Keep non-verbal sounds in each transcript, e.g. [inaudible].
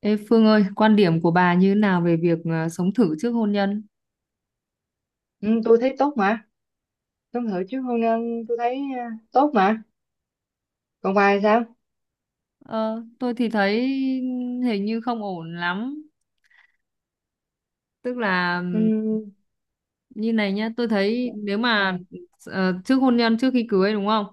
Ê Phương ơi, quan điểm của bà như thế nào về việc sống thử trước hôn nhân? Ừ, tôi thấy tốt mà tôi thử chứ hôn nhân tôi thấy tốt mà còn bài sao. Ờ, tôi thì thấy hình như không ổn lắm. Tức là Ừ, như này nhá, tôi thấy nếu ừ, mà trước hôn nhân, trước khi cưới đúng không?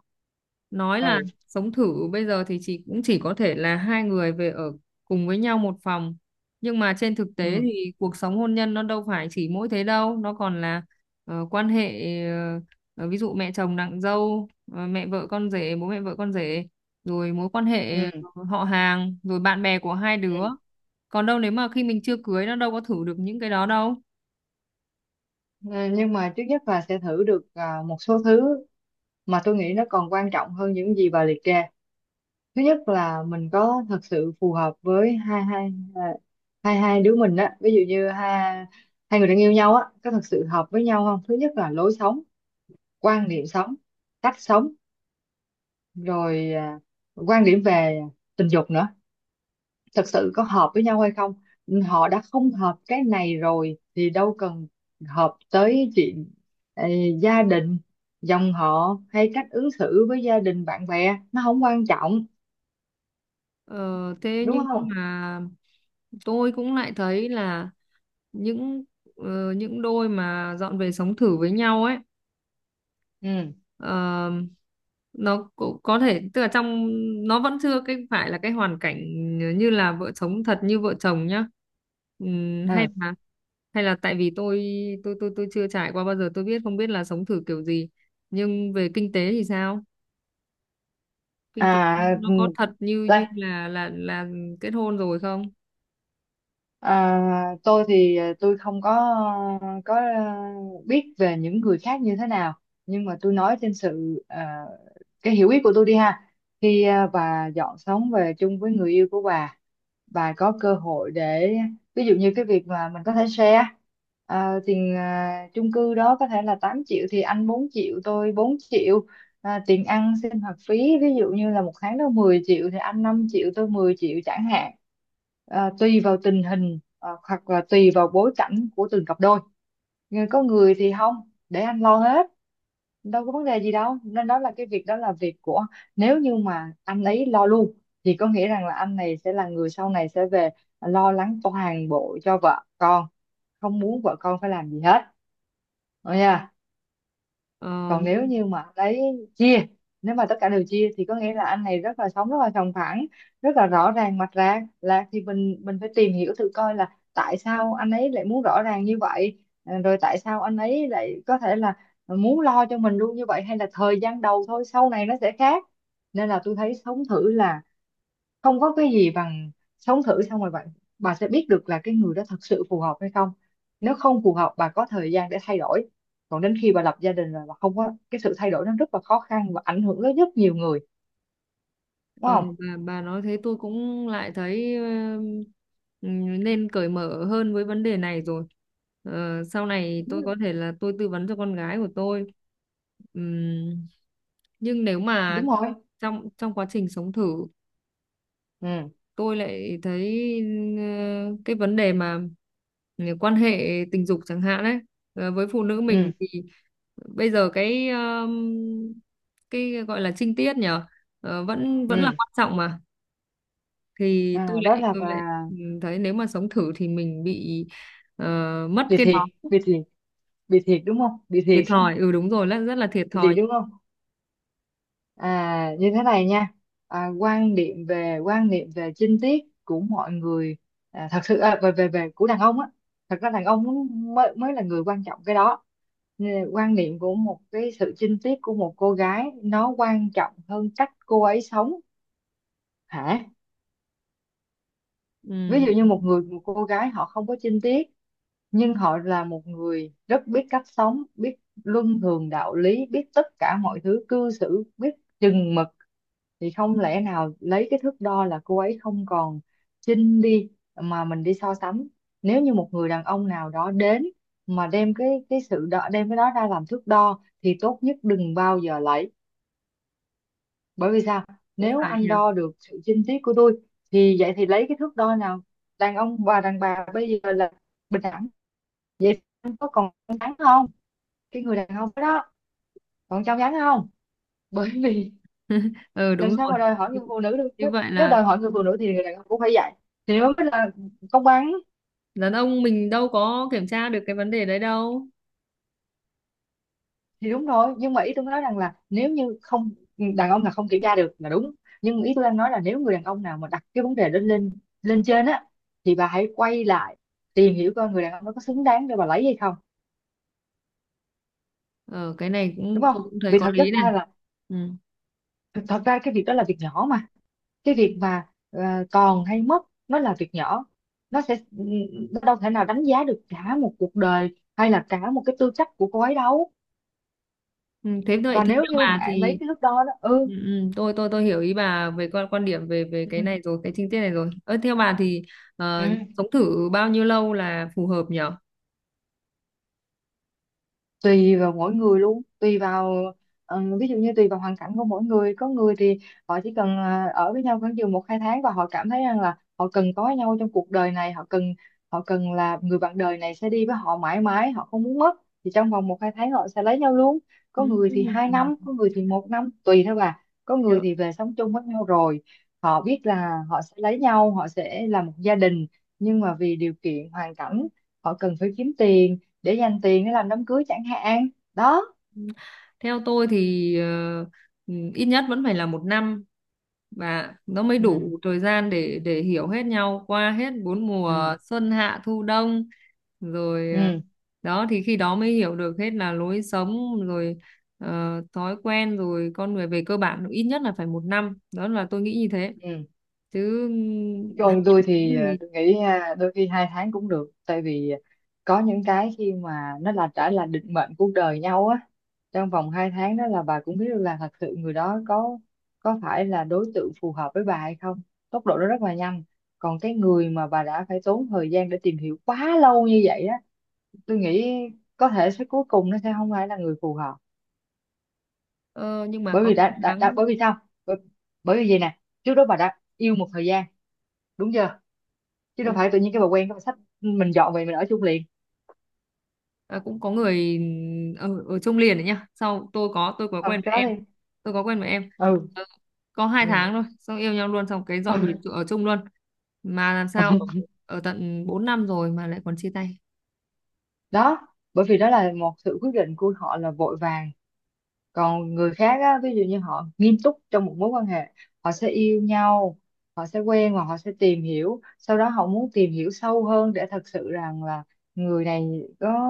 Nói là ừ, sống thử bây giờ thì chỉ có thể là hai người về ở cùng với nhau một phòng. Nhưng mà trên thực tế ừ, thì cuộc sống hôn nhân nó đâu phải chỉ mỗi thế đâu, nó còn là quan hệ, ờ, ví dụ mẹ chồng nàng dâu, mẹ vợ con rể, bố mẹ vợ con rể, rồi mối quan hệ ừ. Họ hàng, rồi bạn bè của hai đứa. Ừ. Còn đâu nếu mà khi mình chưa cưới nó đâu có thử được những cái đó đâu. Ờ, nhưng mà trước nhất bà sẽ thử được một số thứ mà tôi nghĩ nó còn quan trọng hơn những gì bà liệt kê. Thứ nhất là mình có thật sự phù hợp với hai hai à, hai hai đứa mình á, ví dụ như hai hai người đang yêu nhau á, có thật sự hợp với nhau không? Thứ nhất là lối sống, quan niệm sống, cách sống, rồi quan điểm về tình dục nữa, thật sự có hợp với nhau hay không. Họ đã không hợp cái này rồi thì đâu cần hợp tới chuyện ờ, gia đình, dòng họ, hay cách ứng xử với gia đình bạn bè, nó không quan trọng, Ờ, Thế đúng nhưng không? mà tôi cũng lại thấy là những những đôi mà dọn về sống thử với nhau ấy Ừ, ờ, nó cũng có thể tức là trong nó vẫn chưa cái phải là cái hoàn cảnh như là vợ chồng thật, như vợ chồng nhá. Hay ừ, là tại vì tôi tôi chưa trải qua bao giờ, tôi biết không biết là sống thử kiểu gì, nhưng về kinh tế thì sao? Kinh tế à. nó có thật như như là kết hôn rồi không? À, tôi thì tôi không có, có, biết về những người khác như thế nào, nhưng mà tôi nói trên sự cái hiểu biết của tôi đi ha. Khi bà dọn sống về chung với người yêu của bà có cơ hội để ví dụ như cái việc mà mình có thể share tiền, chung cư đó có thể là 8 triệu thì anh 4 triệu tôi 4 triệu, tiền ăn sinh hoạt phí ví dụ như là một tháng đó 10 triệu thì anh 5 triệu tôi 10 triệu chẳng hạn. Tùy vào tình hình, hoặc là tùy vào bối cảnh của từng cặp đôi. Nhưng có người thì không, để anh lo hết, đâu có vấn đề gì đâu, nên đó là cái việc, đó là việc của, nếu như mà anh ấy lo luôn thì có nghĩa rằng là anh này sẽ là người sau này sẽ về lo lắng toàn bộ cho vợ con, không muốn vợ con phải làm gì hết. Rồi ờ, còn nếu như mà lấy, chia, nếu mà tất cả đều chia thì có nghĩa là anh này rất là sống rất là sòng phẳng, rất là rõ ràng mạch ra là, thì mình phải tìm hiểu thử coi là tại sao anh ấy lại muốn rõ ràng như vậy, rồi tại sao anh ấy lại có thể là muốn lo cho mình luôn như vậy, hay là thời gian đầu thôi sau này nó sẽ khác. Nên là tôi thấy sống thử là không có cái gì bằng, sống thử xong rồi bạn, bà sẽ biết được là cái người đó thật sự phù hợp hay không. Nếu không phù hợp bà có thời gian để thay đổi, còn đến khi bà lập gia đình rồi bà không có cái sự thay đổi, nó rất là khó khăn và ảnh hưởng đến rất nhiều người, đúng Ờ, không? bà, bà nói thế tôi cũng lại thấy nên cởi mở hơn với vấn đề này rồi. Ờ, sau này tôi có Đúng, thể là tôi tư vấn cho con gái của tôi. Ừm, nhưng nếu mà đúng rồi. trong trong quá trình sống thử Ừ, tôi lại thấy cái vấn đề mà quan hệ tình dục chẳng hạn đấy. Với phụ nữ mình ừ, thì bây giờ cái gọi là trinh tiết nhở, vẫn vẫn là ừ, quan trọng mà. Thì tôi à, đó lại là tôi bà lại thấy nếu mà sống thử thì mình bị ờ, mất bị cái đó. thiệt, bị thiệt, bị thiệt đúng không, bị Thiệt thiệt thòi, [laughs] ừ đúng rồi, là rất là thiệt bị thiệt thòi. đúng không. À, như thế này nha, quan điểm về, quan niệm về chinh tiết của mọi người, thật sự về về về của đàn ông á, thật ra đàn ông mới mới là người quan trọng cái đó. Nên quan niệm của một cái sự chinh tiết của một cô gái nó quan trọng hơn cách cô ấy sống, hả? Ví Ừ, dụ như một người, một cô gái họ không có chinh tiết, nhưng họ là một người rất biết cách sống, biết luân thường đạo lý, biết tất cả mọi thứ, cư xử biết chừng mực, thì không lẽ nào lấy cái thước đo là cô ấy không còn chinh đi mà mình đi so sánh. Nếu như một người đàn ông nào đó đến mà đem cái sự đo, đem cái đó ra làm thước đo thì tốt nhất đừng bao giờ lấy. Bởi vì sao? cũng Nếu phải anh nhỉ. đo được sự chinh tiết của tôi thì vậy thì lấy cái thước đo nào? Đàn ông và đàn bà bây giờ là bình đẳng, vậy anh có còn trong trắng không, cái người đàn ông đó còn trong trắng không? Bởi vì [laughs] Ừ đúng làm sao rồi. mà đòi hỏi như, người phụ nữ được, như nếu, vậy nếu là đòi hỏi người phụ nữ thì người đàn ông cũng phải dạy, thì nếu mới là công bằng. đàn ông mình đâu có kiểm tra được cái vấn đề đấy đâu. Thì đúng rồi, nhưng mà ý tôi nói rằng là, nếu như không, đàn ông là không kiểm tra được là đúng, nhưng ý tôi đang nói là nếu người đàn ông nào mà đặt cái vấn đề lên lên lên trên á, thì bà hãy quay lại tìm hiểu coi người đàn ông đó có xứng đáng để bà lấy hay không, Ờ cái này đúng cũng không? tôi cũng thấy Vì có thật chất lý này. ra là, Ừ. thật ra cái việc đó là việc nhỏ mà, cái việc mà còn hay mất nó là việc nhỏ, nó sẽ, nó đâu thể nào đánh giá được cả một cuộc đời hay là cả một cái tư cách của cô ấy đâu. Ừ, thế vậy Và thì nếu theo như bà bạn lấy thì cái thước đo đó, ừ, tôi hiểu ý bà về quan quan điểm về về ừ, cái này rồi, cái chi tiết này rồi. Ơ theo bà thì ờ, ừ. sống thử bao nhiêu lâu là phù hợp nhỉ? Tùy vào mỗi người luôn, tùy vào ví dụ như tùy vào hoàn cảnh của mỗi người. Có người thì họ chỉ cần ở với nhau khoảng chừng 1-2 tháng và họ cảm thấy rằng là họ cần có nhau trong cuộc đời này, họ cần, họ cần là người bạn đời này sẽ đi với họ mãi mãi, họ không muốn mất, thì trong vòng 1-2 tháng họ sẽ lấy nhau luôn. Có người thì hai Ừm, năm có người thì 1 năm, tùy thôi bà. Có người Theo, thì về sống chung với nhau rồi họ biết là họ sẽ lấy nhau, họ sẽ là một gia đình, nhưng mà vì điều kiện hoàn cảnh họ cần phải kiếm tiền, để dành tiền để làm đám cưới chẳng hạn, đó. theo tôi thì ít nhất vẫn phải là một năm, và nó mới Ừ, đủ thời gian để hiểu hết nhau qua hết bốn ừ, mùa xuân hạ thu đông, rồi ừ, đó thì khi đó mới hiểu được hết là lối sống, rồi thói quen, rồi con người về cơ bản ít nhất là phải một năm. Đó là tôi nghĩ như thế, ừ. chứ [laughs] hai Còn tôi tháng thì thì tôi nghĩ đôi khi 2 tháng cũng được, tại vì có những cái khi mà nó là đã là định mệnh cuộc đời nhau á, trong vòng 2 tháng đó là bà cũng biết được là thật sự người đó có phải là đối tượng phù hợp với bà hay không, tốc độ nó rất là nhanh. Còn cái người mà bà đã phải tốn thời gian để tìm hiểu quá lâu như vậy á, tôi nghĩ có thể sẽ cuối cùng nó sẽ không phải là người phù hợp. ờ, nhưng mà Bởi có vì đã, hai đã, tháng đã bởi vì sao? bởi, bởi vì gì nè, trước đó bà đã yêu một thời gian đúng chưa, chứ đâu phải tự nhiên cái bà quen cái bà xách mình dọn về mình ở chung liền. Ờ, cũng có người ở trong liền đấy nhá. Sau Ừ, cái đó đi. tôi có quen với em. Ừ. Ờ, có hai Ừ. tháng thôi, xong yêu nhau luôn, xong cái [laughs] dọn về Ừ. Ở chung luôn, mà làm sao ở tận 4 năm rồi mà lại còn chia tay. Đó, bởi vì đó là một sự quyết định của họ là vội vàng. Còn người khác á, ví dụ như họ nghiêm túc trong một mối quan hệ, họ sẽ yêu nhau, họ sẽ quen và họ sẽ tìm hiểu, sau đó họ muốn tìm hiểu sâu hơn để thật sự rằng là người này có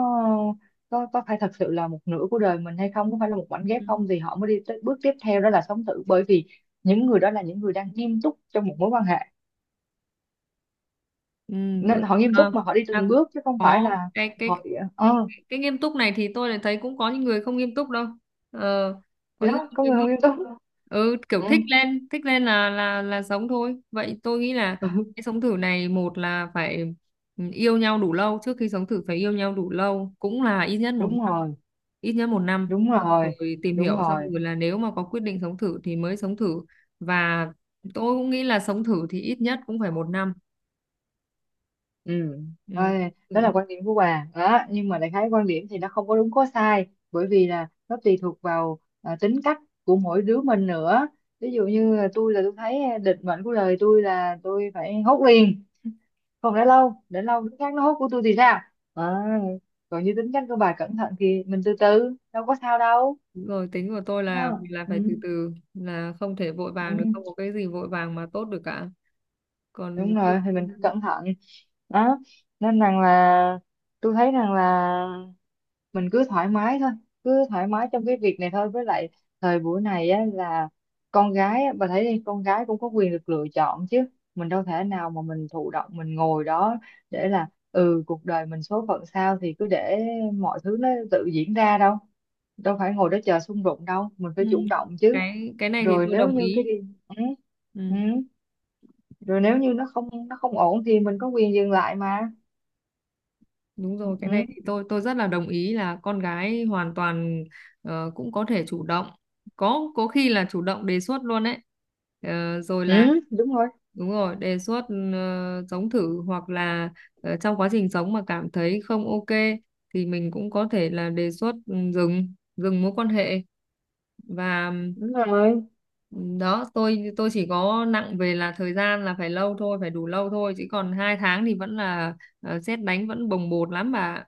có có phải thật sự là một nửa của đời mình hay không, có phải là một mảnh ghép không, thì họ mới đi tới bước tiếp theo đó là sống thử. Bởi vì những người đó là những người đang nghiêm túc trong một mối quan hệ, Ừ, bữa- nên họ nghiêm túc ờ, mà họ đi từng à, bước chứ không phải có là họ ờ. cái nghiêm túc này thì tôi lại thấy cũng có những người không nghiêm túc đâu. ờ, có Thì những người đó, không có người nghiêm không túc. nghiêm túc. Ừ, kiểu Ừ. thích lên là sống thôi. Vậy tôi nghĩ là Ừ, cái sống thử này một là phải yêu nhau đủ lâu, trước khi sống thử phải yêu nhau đủ lâu cũng là ít nhất một đúng năm, rồi. ít nhất một năm. Đúng Xong rồi. rồi tìm Đúng hiểu xong rồi. rồi là nếu mà có quyết định sống thử thì mới sống thử, và tôi cũng nghĩ là sống thử thì ít nhất cũng phải một năm. Ừ. Ừ. Ơi, đó Ừ. là quan điểm của bà đó, nhưng mà đại khái quan điểm thì nó không có đúng có sai, bởi vì là nó tùy thuộc vào tính cách của mỗi đứa mình nữa. Ví dụ như là tôi, là tôi thấy định mệnh của đời tôi là tôi phải hốt liền, không để lâu, để lâu đứa khác nó hốt của tôi thì sao. à, còn như tính cách của bà cẩn thận thì mình từ từ đâu có sao đâu. Đúng rồi, tính của tôi là Ha. Phải Ừ. từ từ, là không thể vội Ừ. vàng được, không có cái gì vội vàng mà tốt được cả. còn Đúng cái- rồi, thì mình cứ cẩn thận. Đó, nên rằng là tôi thấy rằng là mình cứ thoải mái thôi, cứ thoải mái trong cái việc này thôi. Với lại thời buổi này á, là con gái á, bà thấy đi, con gái cũng có quyền được lựa chọn chứ, mình đâu thể nào mà mình thụ động mình ngồi đó để là ừ cuộc đời mình số phận sao thì cứ để mọi thứ nó tự diễn ra đâu, đâu phải ngồi đó chờ xung đột đâu, mình phải ừ. chủ động chứ. cái này thì Rồi tôi nếu đồng như cái ý. đi, ừ, ừ. Ừ. Rồi nếu như nó không ổn thì mình có quyền dừng lại mà. Đúng rồi, cái này Ừ, thì tôi rất là đồng ý, là con gái hoàn toàn cũng có thể chủ động. Có khi là chủ động đề xuất luôn đấy. Ờ, rồi là ừ, đúng rồi. đúng rồi, đề xuất sống thử, hoặc là trong quá trình sống mà cảm thấy không ok thì mình cũng có thể là đề xuất dừng dừng mối quan hệ. Và Đúng rồi. ừ, đó, tôi chỉ có nặng về là thời gian là phải lâu thôi, phải đủ lâu thôi, chứ còn 2 tháng thì vẫn là sét đánh, vẫn bồng bột lắm bà.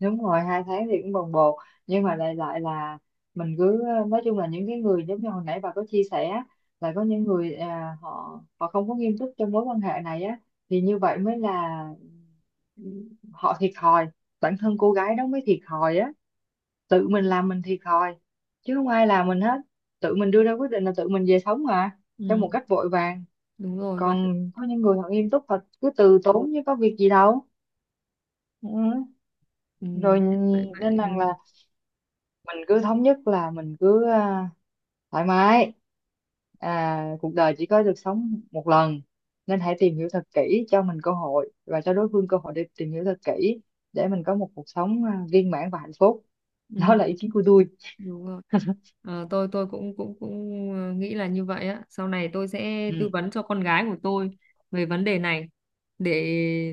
Đúng rồi. 2 tháng thì cũng bồng bột, nhưng mà lại lại là mình cứ nói chung là những cái người giống như hồi nãy bà có chia sẻ là có những người họ họ không có nghiêm túc trong mối quan hệ này á, thì như vậy mới là, ừ, họ thiệt thòi, bản thân cô gái đó mới thiệt thòi á, tự mình làm mình thiệt thòi chứ không ai làm mình hết. Tự mình đưa ra quyết định là tự mình về sống mà trong Ừ. một cách vội vàng. Đúng rồi vậy. Còn có những người họ nghiêm túc thật cứ từ tốn chứ có việc gì đâu. Ừ. ừ, Rồi, vậy nên vậy rằng Ừ, là mình cứ thống nhất là mình cứ thoải mái. Cuộc đời chỉ có được sống một lần, nên hãy tìm hiểu thật kỹ, cho mình cơ hội và cho đối phương cơ hội để tìm hiểu thật kỹ, để mình có một cuộc sống viên mãn và hạnh phúc. [laughs] Đó ừ, là ý kiến của tôi. Đúng rồi. [laughs] Ờ, tôi cũng cũng cũng nghĩ là như vậy á. Sau này tôi sẽ Ừ, tư vấn cho con gái của tôi về vấn đề này, để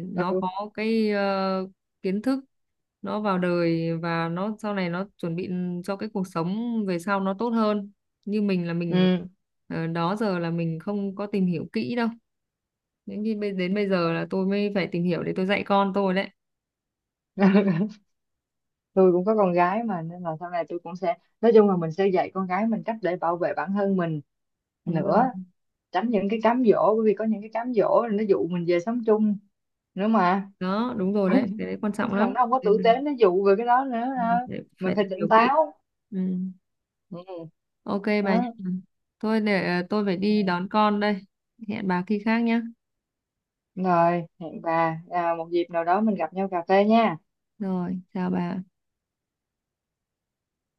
nó ừ, có cái kiến thức, nó vào đời và nó sau này nó chuẩn bị cho cái cuộc sống về sau nó tốt hơn. Như mình là mình ừ. Đó giờ là mình không có tìm hiểu kỹ đâu. Đến khi đến bây giờ là tôi mới phải tìm hiểu để tôi dạy con tôi đấy. [laughs] Tôi cũng có con gái mà, nên là sau này tôi cũng sẽ, nói chung là mình sẽ dạy con gái mình cách để bảo vệ bản thân mình Đúng rồi. nữa, tránh những cái cám dỗ, bởi vì có những cái cám dỗ là nó dụ mình về sống chung nữa mà. Đó đúng [laughs] rồi Có đấy, cái những đấy quan trọng lắm. thằng nó không có Nên tử mình tế nó dụ về cái đó nữa ha. phải Mình phải phải tìm tỉnh hiểu kỹ. táo. Ừ. Ừ. Ok bà nhé. Đó. Thôi để tôi phải Ừ. đi đón con đây, hẹn bà khi khác nhé. Rồi hẹn bà một dịp nào đó mình gặp nhau cà phê nha. Rồi chào bà.